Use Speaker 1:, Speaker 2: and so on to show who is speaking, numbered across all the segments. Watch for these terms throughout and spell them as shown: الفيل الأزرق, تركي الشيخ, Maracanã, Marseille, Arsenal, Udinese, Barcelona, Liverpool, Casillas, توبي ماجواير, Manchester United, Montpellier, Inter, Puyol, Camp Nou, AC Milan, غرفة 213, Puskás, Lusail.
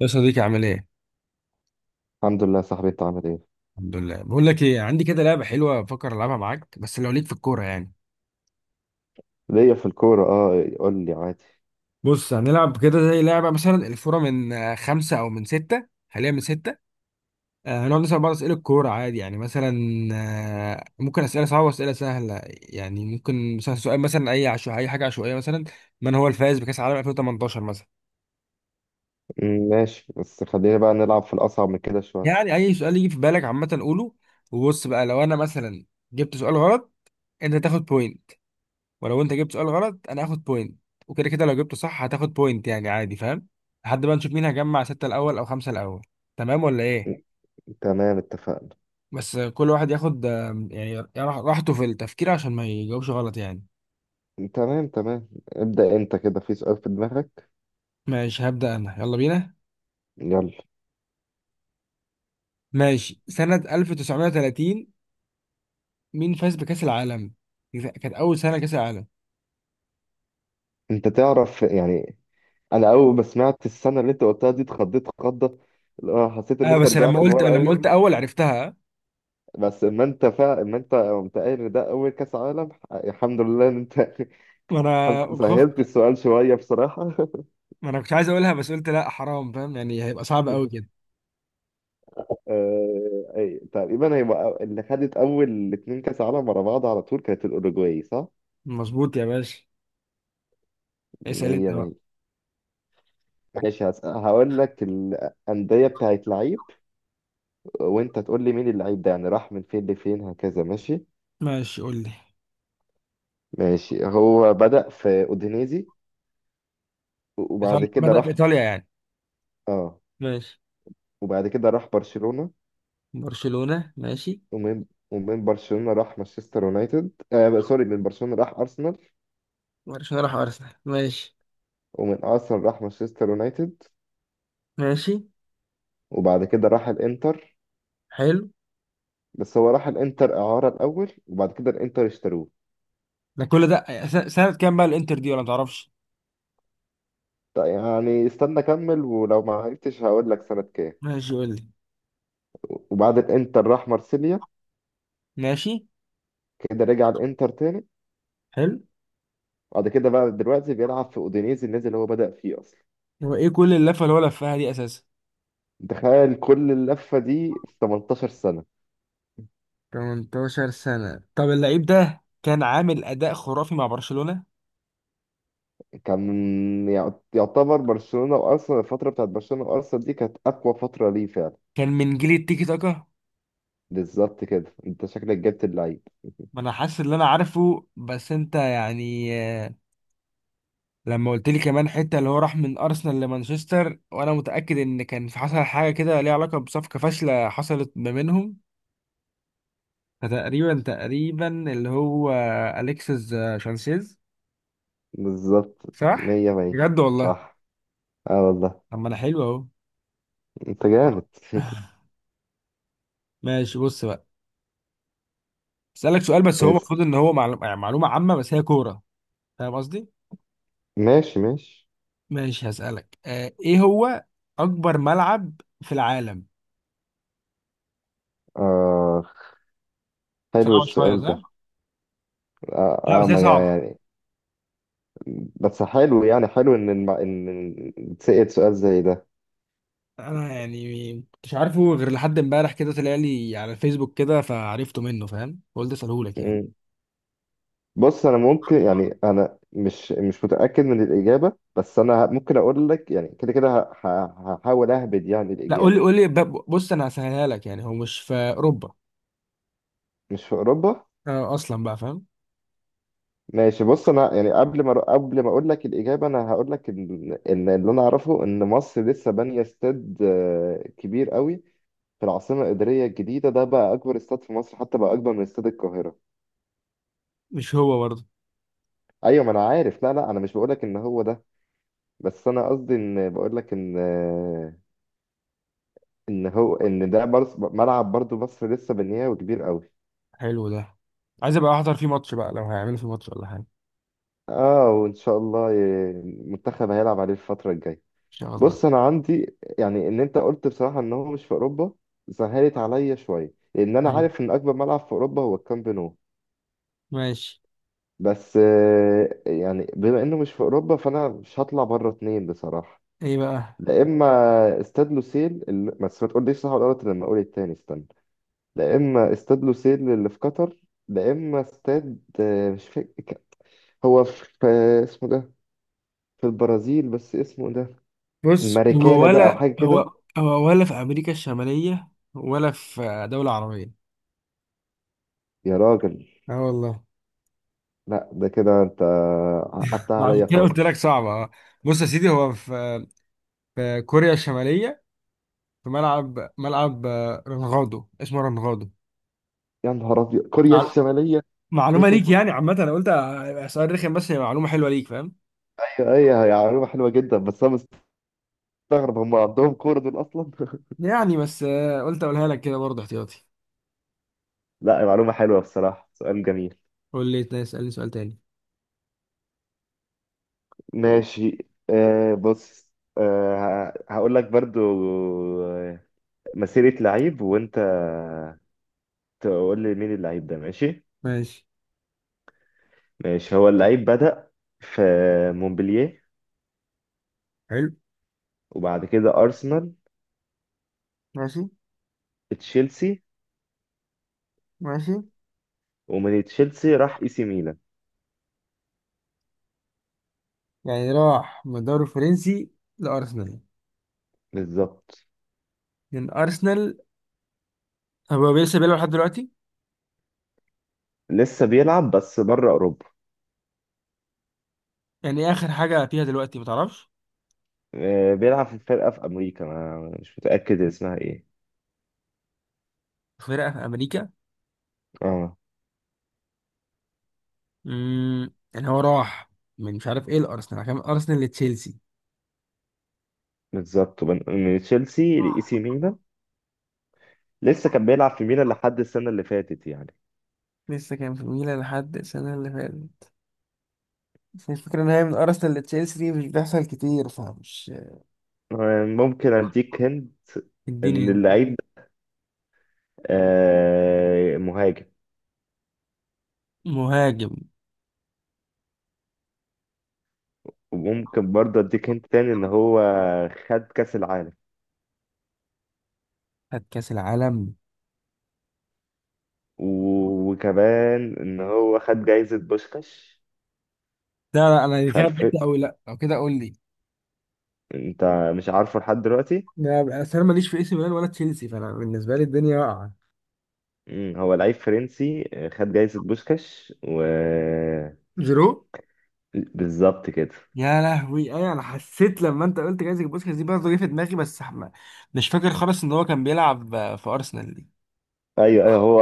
Speaker 1: يا صديقي عامل ايه؟
Speaker 2: الحمد لله يا صاحبي، انت عامل ايه؟
Speaker 1: الحمد لله. بقول لك ايه، عندي كده لعبه حلوه بفكر العبها معاك بس لو ليك في الكوره يعني.
Speaker 2: ليا في الكورة، اه، قول لي عادي.
Speaker 1: بص هنلعب كده زي لعبه، مثلا الفوره من خمسه او من سته، خليها من سته. هنقعد نسال بعض اسئله الكوره عادي، يعني مثلا ممكن اسئله صعبه واسئله سهله، يعني ممكن مثلا سؤال مثلا اي عشو اي حاجه عشوائيه. مثلا من هو الفائز بكاس العالم 2018 مثلا؟
Speaker 2: ماشي، بس خلينا بقى نلعب في الأصعب من كده شوية.
Speaker 1: يعني اي سؤال يجي في بالك عامه قوله. وبص بقى، لو انا مثلا جبت سؤال غلط انت تاخد بوينت، ولو انت جبت سؤال غلط انا هاخد بوينت. وكده كده لو جبته صح هتاخد بوينت، يعني عادي، فاهم؟ لحد ما نشوف مين هيجمع ستة الاول او خمسة الاول. تمام ولا ايه؟
Speaker 2: م، تمام، اتفقنا.
Speaker 1: بس كل واحد ياخد يعني راحته في التفكير عشان ما يجاوبش غلط يعني.
Speaker 2: تمام تمام، ابدأ انت كده في سؤال في دماغك.
Speaker 1: ماشي، هبدأ انا، يلا بينا.
Speaker 2: يلا.
Speaker 1: ماشي، سنة 1930 مين فاز بكأس العالم؟ دي كانت اول سنة كأس العالم.
Speaker 2: انت تعرف يعني، انا اول ما سمعت السنة اللي انت قلتها دي اتخضيت خضة، اللي هو حسيت ان
Speaker 1: اه،
Speaker 2: انت
Speaker 1: بس لما
Speaker 2: رجعت
Speaker 1: قلت
Speaker 2: لورا قوي.
Speaker 1: اول عرفتها.
Speaker 2: بس ما انت قمت قايل ان ده اول كاس عالم، الحمد لله ان انت
Speaker 1: ما انا خفت.
Speaker 2: سهلت السؤال شوية بصراحة.
Speaker 1: ما انا كنت عايز اقولها بس قلت لا حرام، فاهم يعني؟ هيبقى صعب قوي كده.
Speaker 2: أي تقريبا هي اللي خدت اول اتنين كاس عالم ورا بعض على طول، كانت الاوروجواي صح؟
Speaker 1: مظبوط يا باشا.
Speaker 2: ان
Speaker 1: اسأل انت.
Speaker 2: هي ما هي. ماشي، هقول لك الانديه بتاعت لعيب، وانت تقول لي مين اللعيب ده، يعني راح من فين لفين هكذا. ماشي.
Speaker 1: ماشي، قول لي.
Speaker 2: ماشي، هو بدأ في اودينيزي، وبعد
Speaker 1: إيطاليا،
Speaker 2: كده
Speaker 1: بدأ في
Speaker 2: راح.
Speaker 1: إيطاليا يعني.
Speaker 2: اه.
Speaker 1: ماشي.
Speaker 2: وبعد كده راح برشلونه.
Speaker 1: برشلونة. ماشي.
Speaker 2: ومن ومن برشلونه راح مانشستر يونايتد، آه سوري، من برشلونه راح ارسنال.
Speaker 1: برشلونة راح أرسنال، ماشي.
Speaker 2: ومن ارسنال راح مانشستر يونايتد.
Speaker 1: ماشي.
Speaker 2: وبعد كده راح الانتر.
Speaker 1: حلو.
Speaker 2: بس هو راح الانتر اعاره الاول، وبعد كده الانتر اشتروه.
Speaker 1: ده كل ده سنة كام بقى الإنتر دي، ولا متعرفش؟
Speaker 2: طيب، يعني استنى اكمل، ولو ما عرفتش هقول لك سنه كام.
Speaker 1: ماشي قول لي.
Speaker 2: وبعد الانتر راح مارسيليا،
Speaker 1: ماشي.
Speaker 2: كده رجع الانتر تاني.
Speaker 1: حلو.
Speaker 2: بعد كده بقى دلوقتي بيلعب في اودينيزي، النادي اللي هو بدأ فيه اصلا.
Speaker 1: هو إيه كل اللفة اللي هو لفها دي أساسا؟
Speaker 2: تخيل كل اللفه دي في 18 سنه.
Speaker 1: 18 سنة؟ طب اللعيب ده كان عامل أداء خرافي مع برشلونة.
Speaker 2: كان يعتبر برشلونه وارسنال، الفتره بتاعت برشلونه وارسنال دي كانت اقوى فتره ليه فعلا.
Speaker 1: كان من جيل التيكي تاكا.
Speaker 2: بالظبط كده، انت شكلك جبت اللعيب.
Speaker 1: ما أنا حاسس إن أنا عارفه بس أنت يعني لما قلت لي كمان حته اللي هو راح من ارسنال لمانشستر، وانا متاكد ان كان في حصل حاجه كده ليها علاقه بصفقه فاشله حصلت ما بينهم، فتقريبا تقريبا اللي هو اليكسيس شانسيز.
Speaker 2: بالظبط.
Speaker 1: صح.
Speaker 2: مية مية.
Speaker 1: بجد والله.
Speaker 2: صح. اه والله.
Speaker 1: طب ما انا حلو اهو.
Speaker 2: انت جامد.
Speaker 1: ماشي، بص بقى. اسالك سؤال بس هو المفروض
Speaker 2: ماشي.
Speaker 1: ان هو معلومه، يعني معلومه عامه بس هي كوره، فاهم قصدي؟
Speaker 2: ماشي ماشي.
Speaker 1: ماشي، هسالك آه ايه هو اكبر ملعب في العالم؟
Speaker 2: آه حلو
Speaker 1: صعب شويه
Speaker 2: السؤال ده.
Speaker 1: صح؟ لا بس هي
Speaker 2: ما
Speaker 1: صعبه.
Speaker 2: يعني. بس حلو، يعني حلو إن إن تسأل سؤال زي ده.
Speaker 1: انا يعني مش عارفه غير لحد امبارح كده طلع لي على الفيسبوك كده فعرفته منه، فاهم؟ قلت اساله لك يعني.
Speaker 2: مم. بص، أنا ممكن يعني أنا مش متأكد من الإجابة، بس أنا ممكن أقول لك يعني كده كده هحاول أهبد يعني
Speaker 1: لا قول
Speaker 2: الإجابة.
Speaker 1: لي قول لي. بص، انا هسهلها لك، يعني هو مش في اوروبا
Speaker 2: مش في أوروبا.
Speaker 1: اصلا بقى، فاهم؟
Speaker 2: ماشي، بص أنا يعني قبل ما أقول لك الإجابة، أنا هقول لك إن اللي أنا أعرفه إن مصر لسه بانية استاد كبير قوي في العاصمة الإدارية الجديدة. ده بقى أكبر استاد في مصر، حتى بقى أكبر من استاد القاهرة.
Speaker 1: مش هو برضه.
Speaker 2: أيوة ما أنا عارف. لا لا، أنا مش بقولك إن هو ده، بس أنا قصدي إن بقولك إن هو، إن ده برص ملعب برضو مصر لسه بنياه وكبير أوي.
Speaker 1: حلو ده. عايز ابقى احضر فيه ماتش بقى لو هيعملوا فيه ماتش ولا حاجه ان
Speaker 2: وإن شاء الله المنتخب هيلعب عليه الفترة الجاية.
Speaker 1: شاء الله.
Speaker 2: بص، أنا عندي يعني إن أنت قلت بصراحة إن هو مش في أوروبا، سهلت عليا شوية، لأن أنا
Speaker 1: حلو.
Speaker 2: عارف إن أكبر ملعب في أوروبا هو الكامب نو.
Speaker 1: ماشي.
Speaker 2: بس يعني بما إنه مش في أوروبا، فأنا مش هطلع بره اتنين بصراحة.
Speaker 1: ايه بقى؟
Speaker 2: لا اما استاد لوسيل اللي... بس ما تقوليش صح ولا غلط لما اقول التاني، استنى. لا اما استاد لوسيل اللي في قطر. لا اما استاد، مش فاكر. هو في اسمه ده، في البرازيل بس اسمه ده
Speaker 1: بص هو
Speaker 2: الماريكانا ده او
Speaker 1: ولا
Speaker 2: حاجه كده.
Speaker 1: هو؟ هو ولا في امريكا الشماليه ولا في دوله عربيه؟
Speaker 2: يا راجل.
Speaker 1: اه والله.
Speaker 2: لا ده كده انت قطعت
Speaker 1: ما عشان
Speaker 2: عليا
Speaker 1: كده قلت لك
Speaker 2: خالص.
Speaker 1: صعبه اه. بص يا سيدي، هو في في كوريا الشماليه. في ملعب، ملعب رنغاضو، اسمه رنغاضو.
Speaker 2: يا نهار ابيض، كوريا
Speaker 1: مع-
Speaker 2: الشماليه!
Speaker 1: معلومة ليك، يعني عامة، أنا قلت هيبقى سؤال رخم بس هي معلومة حلوة ليك، فاهم؟
Speaker 2: ايوه ايوه، هي معلومه حلوه جدا، بس انا مستغرب هم عندهم كوره دول اصلا.
Speaker 1: يعني بس قلت أقولها لك كده برضه احتياطي.
Speaker 2: لا، معلومه حلوه بصراحه، سؤال جميل.
Speaker 1: قول لي اسألني سؤال تاني.
Speaker 2: ماشي. بص. هقول لك برضو. آه، مسيرة لعيب، وانت تقول لي مين اللعيب ده. ماشي.
Speaker 1: ماشي.
Speaker 2: ماشي، هو اللعيب بدأ في مونبلييه،
Speaker 1: حلو.
Speaker 2: وبعد كده أرسنال،
Speaker 1: ماشي
Speaker 2: تشيلسي.
Speaker 1: ماشي.
Speaker 2: ومن تشيلسي راح اي سي ميلان.
Speaker 1: يعني راح من الدوري الفرنسي لأرسنال.
Speaker 2: بالظبط.
Speaker 1: من أرسنال. هو لسه بيلعب لحد دلوقتي؟
Speaker 2: لسه بيلعب بس بره أوروبا.
Speaker 1: يعني إيه آخر حاجة فيها دلوقتي، ما تعرفش؟
Speaker 2: بيلعب في فرقة في أمريكا، ما مش متأكد اسمها ايه.
Speaker 1: فرقة في أمريكا.
Speaker 2: اه.
Speaker 1: امم، يعني هو راح من مش عارف إيه الأرسنال، عشان من أرسنال لتشيلسي.
Speaker 2: بالظبط. من تشيلسي لإي سي ميلان. لسه كان بيلعب في ميلان لحد السنة اللي فاتت يعني.
Speaker 1: لسه كان في ميلان لحد السنة اللي فاتت. بس الفكرة إن هي من أرسنال لتشيلسي دي مش بيحصل كتير فمش.
Speaker 2: ممكن اديك هند،
Speaker 1: اديني
Speaker 2: ان
Speaker 1: هنا.
Speaker 2: اللعيب ده مهاجم.
Speaker 1: مهاجم.
Speaker 2: وممكن برضه اديك هند تاني، ان هو خد كاس العالم.
Speaker 1: خد كأس العالم.
Speaker 2: وكمان ان هو خد جايزة بوشكاش.
Speaker 1: لا لا أنا
Speaker 2: في
Speaker 1: كده
Speaker 2: الف.
Speaker 1: بعدت أوي، لا لو كده قول لي.
Speaker 2: انت مش عارفه لحد دلوقتي.
Speaker 1: لا بقى، أصل أنا ماليش في إي سي ميلان ولا تشيلسي، فأنا بالنسبة لي الدنيا واقعة.
Speaker 2: هو لعيب فرنسي، خد جايزة بوشكاش و.
Speaker 1: جيرو.
Speaker 2: بالظبط كده.
Speaker 1: يا لهوي، أيوة أنا حسيت لما أنت قلت جايزة بوسكاس دي برضه جه في دماغي بس مش فاكر خالص إن هو كان بيلعب في أرسنال دي.
Speaker 2: ايوه ايوه، هو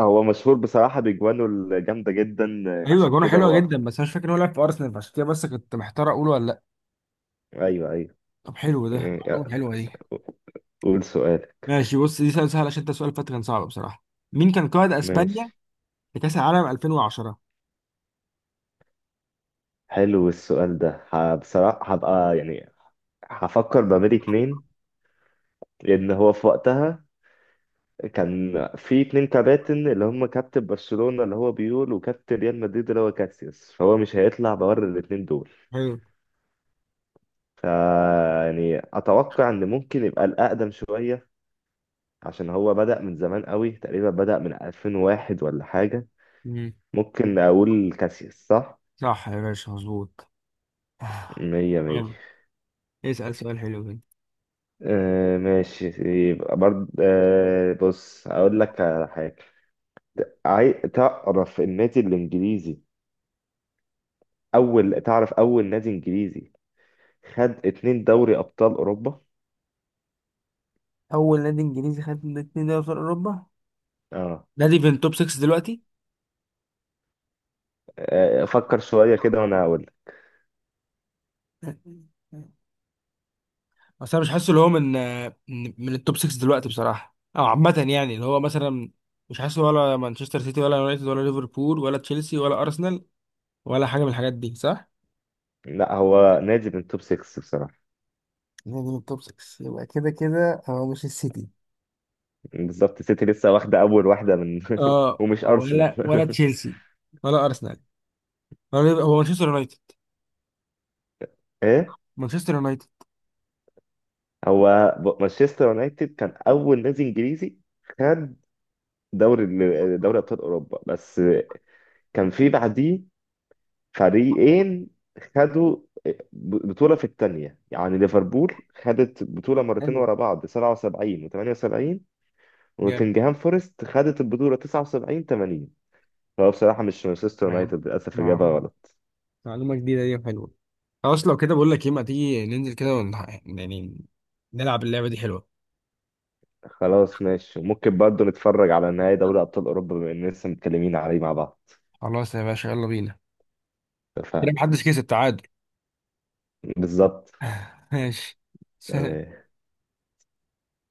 Speaker 2: هو مشهور بصراحة بأجوانه الجامدة جدا،
Speaker 1: ايوه
Speaker 2: عشان
Speaker 1: جونه
Speaker 2: كده
Speaker 1: حلوه
Speaker 2: هو.
Speaker 1: جدا بس انا مش فاكر إن هو لعب في ارسنال، فعشان كده بس كنت محتار اقوله ولا لا.
Speaker 2: ايوه ايوه.
Speaker 1: طب حلو ده، معلومه
Speaker 2: آه،
Speaker 1: حلوه دي.
Speaker 2: قول سؤال.
Speaker 1: ماشي، بص، دي سؤال سهل عشان انت سؤال فات كان صعب بصراحة. مين كان قائد اسبانيا
Speaker 2: ماشي،
Speaker 1: في كأس العالم 2010؟
Speaker 2: حلو السؤال ده. بصراحة هبقى يعني هفكر ما بين اتنين، لأن هو في وقتها كان في اتنين كباتن، اللي هم كابتن برشلونة اللي هو بيول وكابتن ريال مدريد اللي هو كاسياس، فهو مش هيطلع بره الاتنين دول.
Speaker 1: حلو.
Speaker 2: ف يعني أتوقع إن ممكن يبقى الأقدم شوية، عشان هو بدأ من زمان قوي، تقريبا بدأ من 2001 ولا حاجة.
Speaker 1: مم.
Speaker 2: ممكن أقول كاسياس صح؟
Speaker 1: صح يا باشا، مظبوط. آه.
Speaker 2: مية مية.
Speaker 1: حلو. اسأل سؤال حلو كده.
Speaker 2: آه ماشي. يبقى برضه بص هقول لك على حاجة. عاي... تعرف النادي الإنجليزي أول تعرف أول نادي إنجليزي خد اتنين دوري أبطال أوروبا.
Speaker 1: اول نادي انجليزي خد اتنين دوري ابطال اوروبا؟
Speaker 2: اه.
Speaker 1: نادي في التوب 6 دلوقتي؟
Speaker 2: فكر شوية كده وأنا هقول لك.
Speaker 1: بس انا مش حاسه اللي هو من من التوب 6 دلوقتي بصراحة، او عامة يعني، اللي هو مثلا مش حاسه ولا مانشستر سيتي ولا يونايتد ولا ليفربول ولا تشيلسي ولا ارسنال، ولا حاجة من الحاجات دي صح؟
Speaker 2: لا، هو نادي من توب 6 بصراحة.
Speaker 1: نادي من التوب 6، يبقى كده كده هو مش السيتي.
Speaker 2: بالظبط، سيتي لسه واخدة أول واحدة من.
Speaker 1: اه،
Speaker 2: ومش أرسنال.
Speaker 1: ولا تشيلسي. ولا ارسنال. هو مانشستر يونايتد.
Speaker 2: إيه.
Speaker 1: مانشستر يونايتد.
Speaker 2: هو مانشستر يونايتد كان أول نادي إنجليزي خد دوري دوري أبطال أوروبا، بس كان في بعديه فريقين خدوا بطولة في التانية، يعني ليفربول خدت بطولة مرتين
Speaker 1: حلو.
Speaker 2: ورا بعض 77 و78،
Speaker 1: جامد.
Speaker 2: ونوتنجهام فورست خدت البطولة 79 80. فهو بصراحة مش مانشستر
Speaker 1: نعم.
Speaker 2: يونايتد، للأسف إجابة
Speaker 1: نعم.
Speaker 2: غلط.
Speaker 1: معلومة جديدة دي، حلوة. خلاص لو كده بقول لك ايه، ما تيجي ننزل كده يعني نلعب اللعبة دي، حلوة.
Speaker 2: خلاص ماشي، وممكن برضه نتفرج على نهائي دوري أبطال أوروبا بما إننا لسه متكلمين عليه مع بعض.
Speaker 1: خلاص يا باشا، يلا بينا. كده
Speaker 2: اتفقنا.
Speaker 1: محدش كسب، تعادل.
Speaker 2: بالظبط.
Speaker 1: ماشي.
Speaker 2: تمام.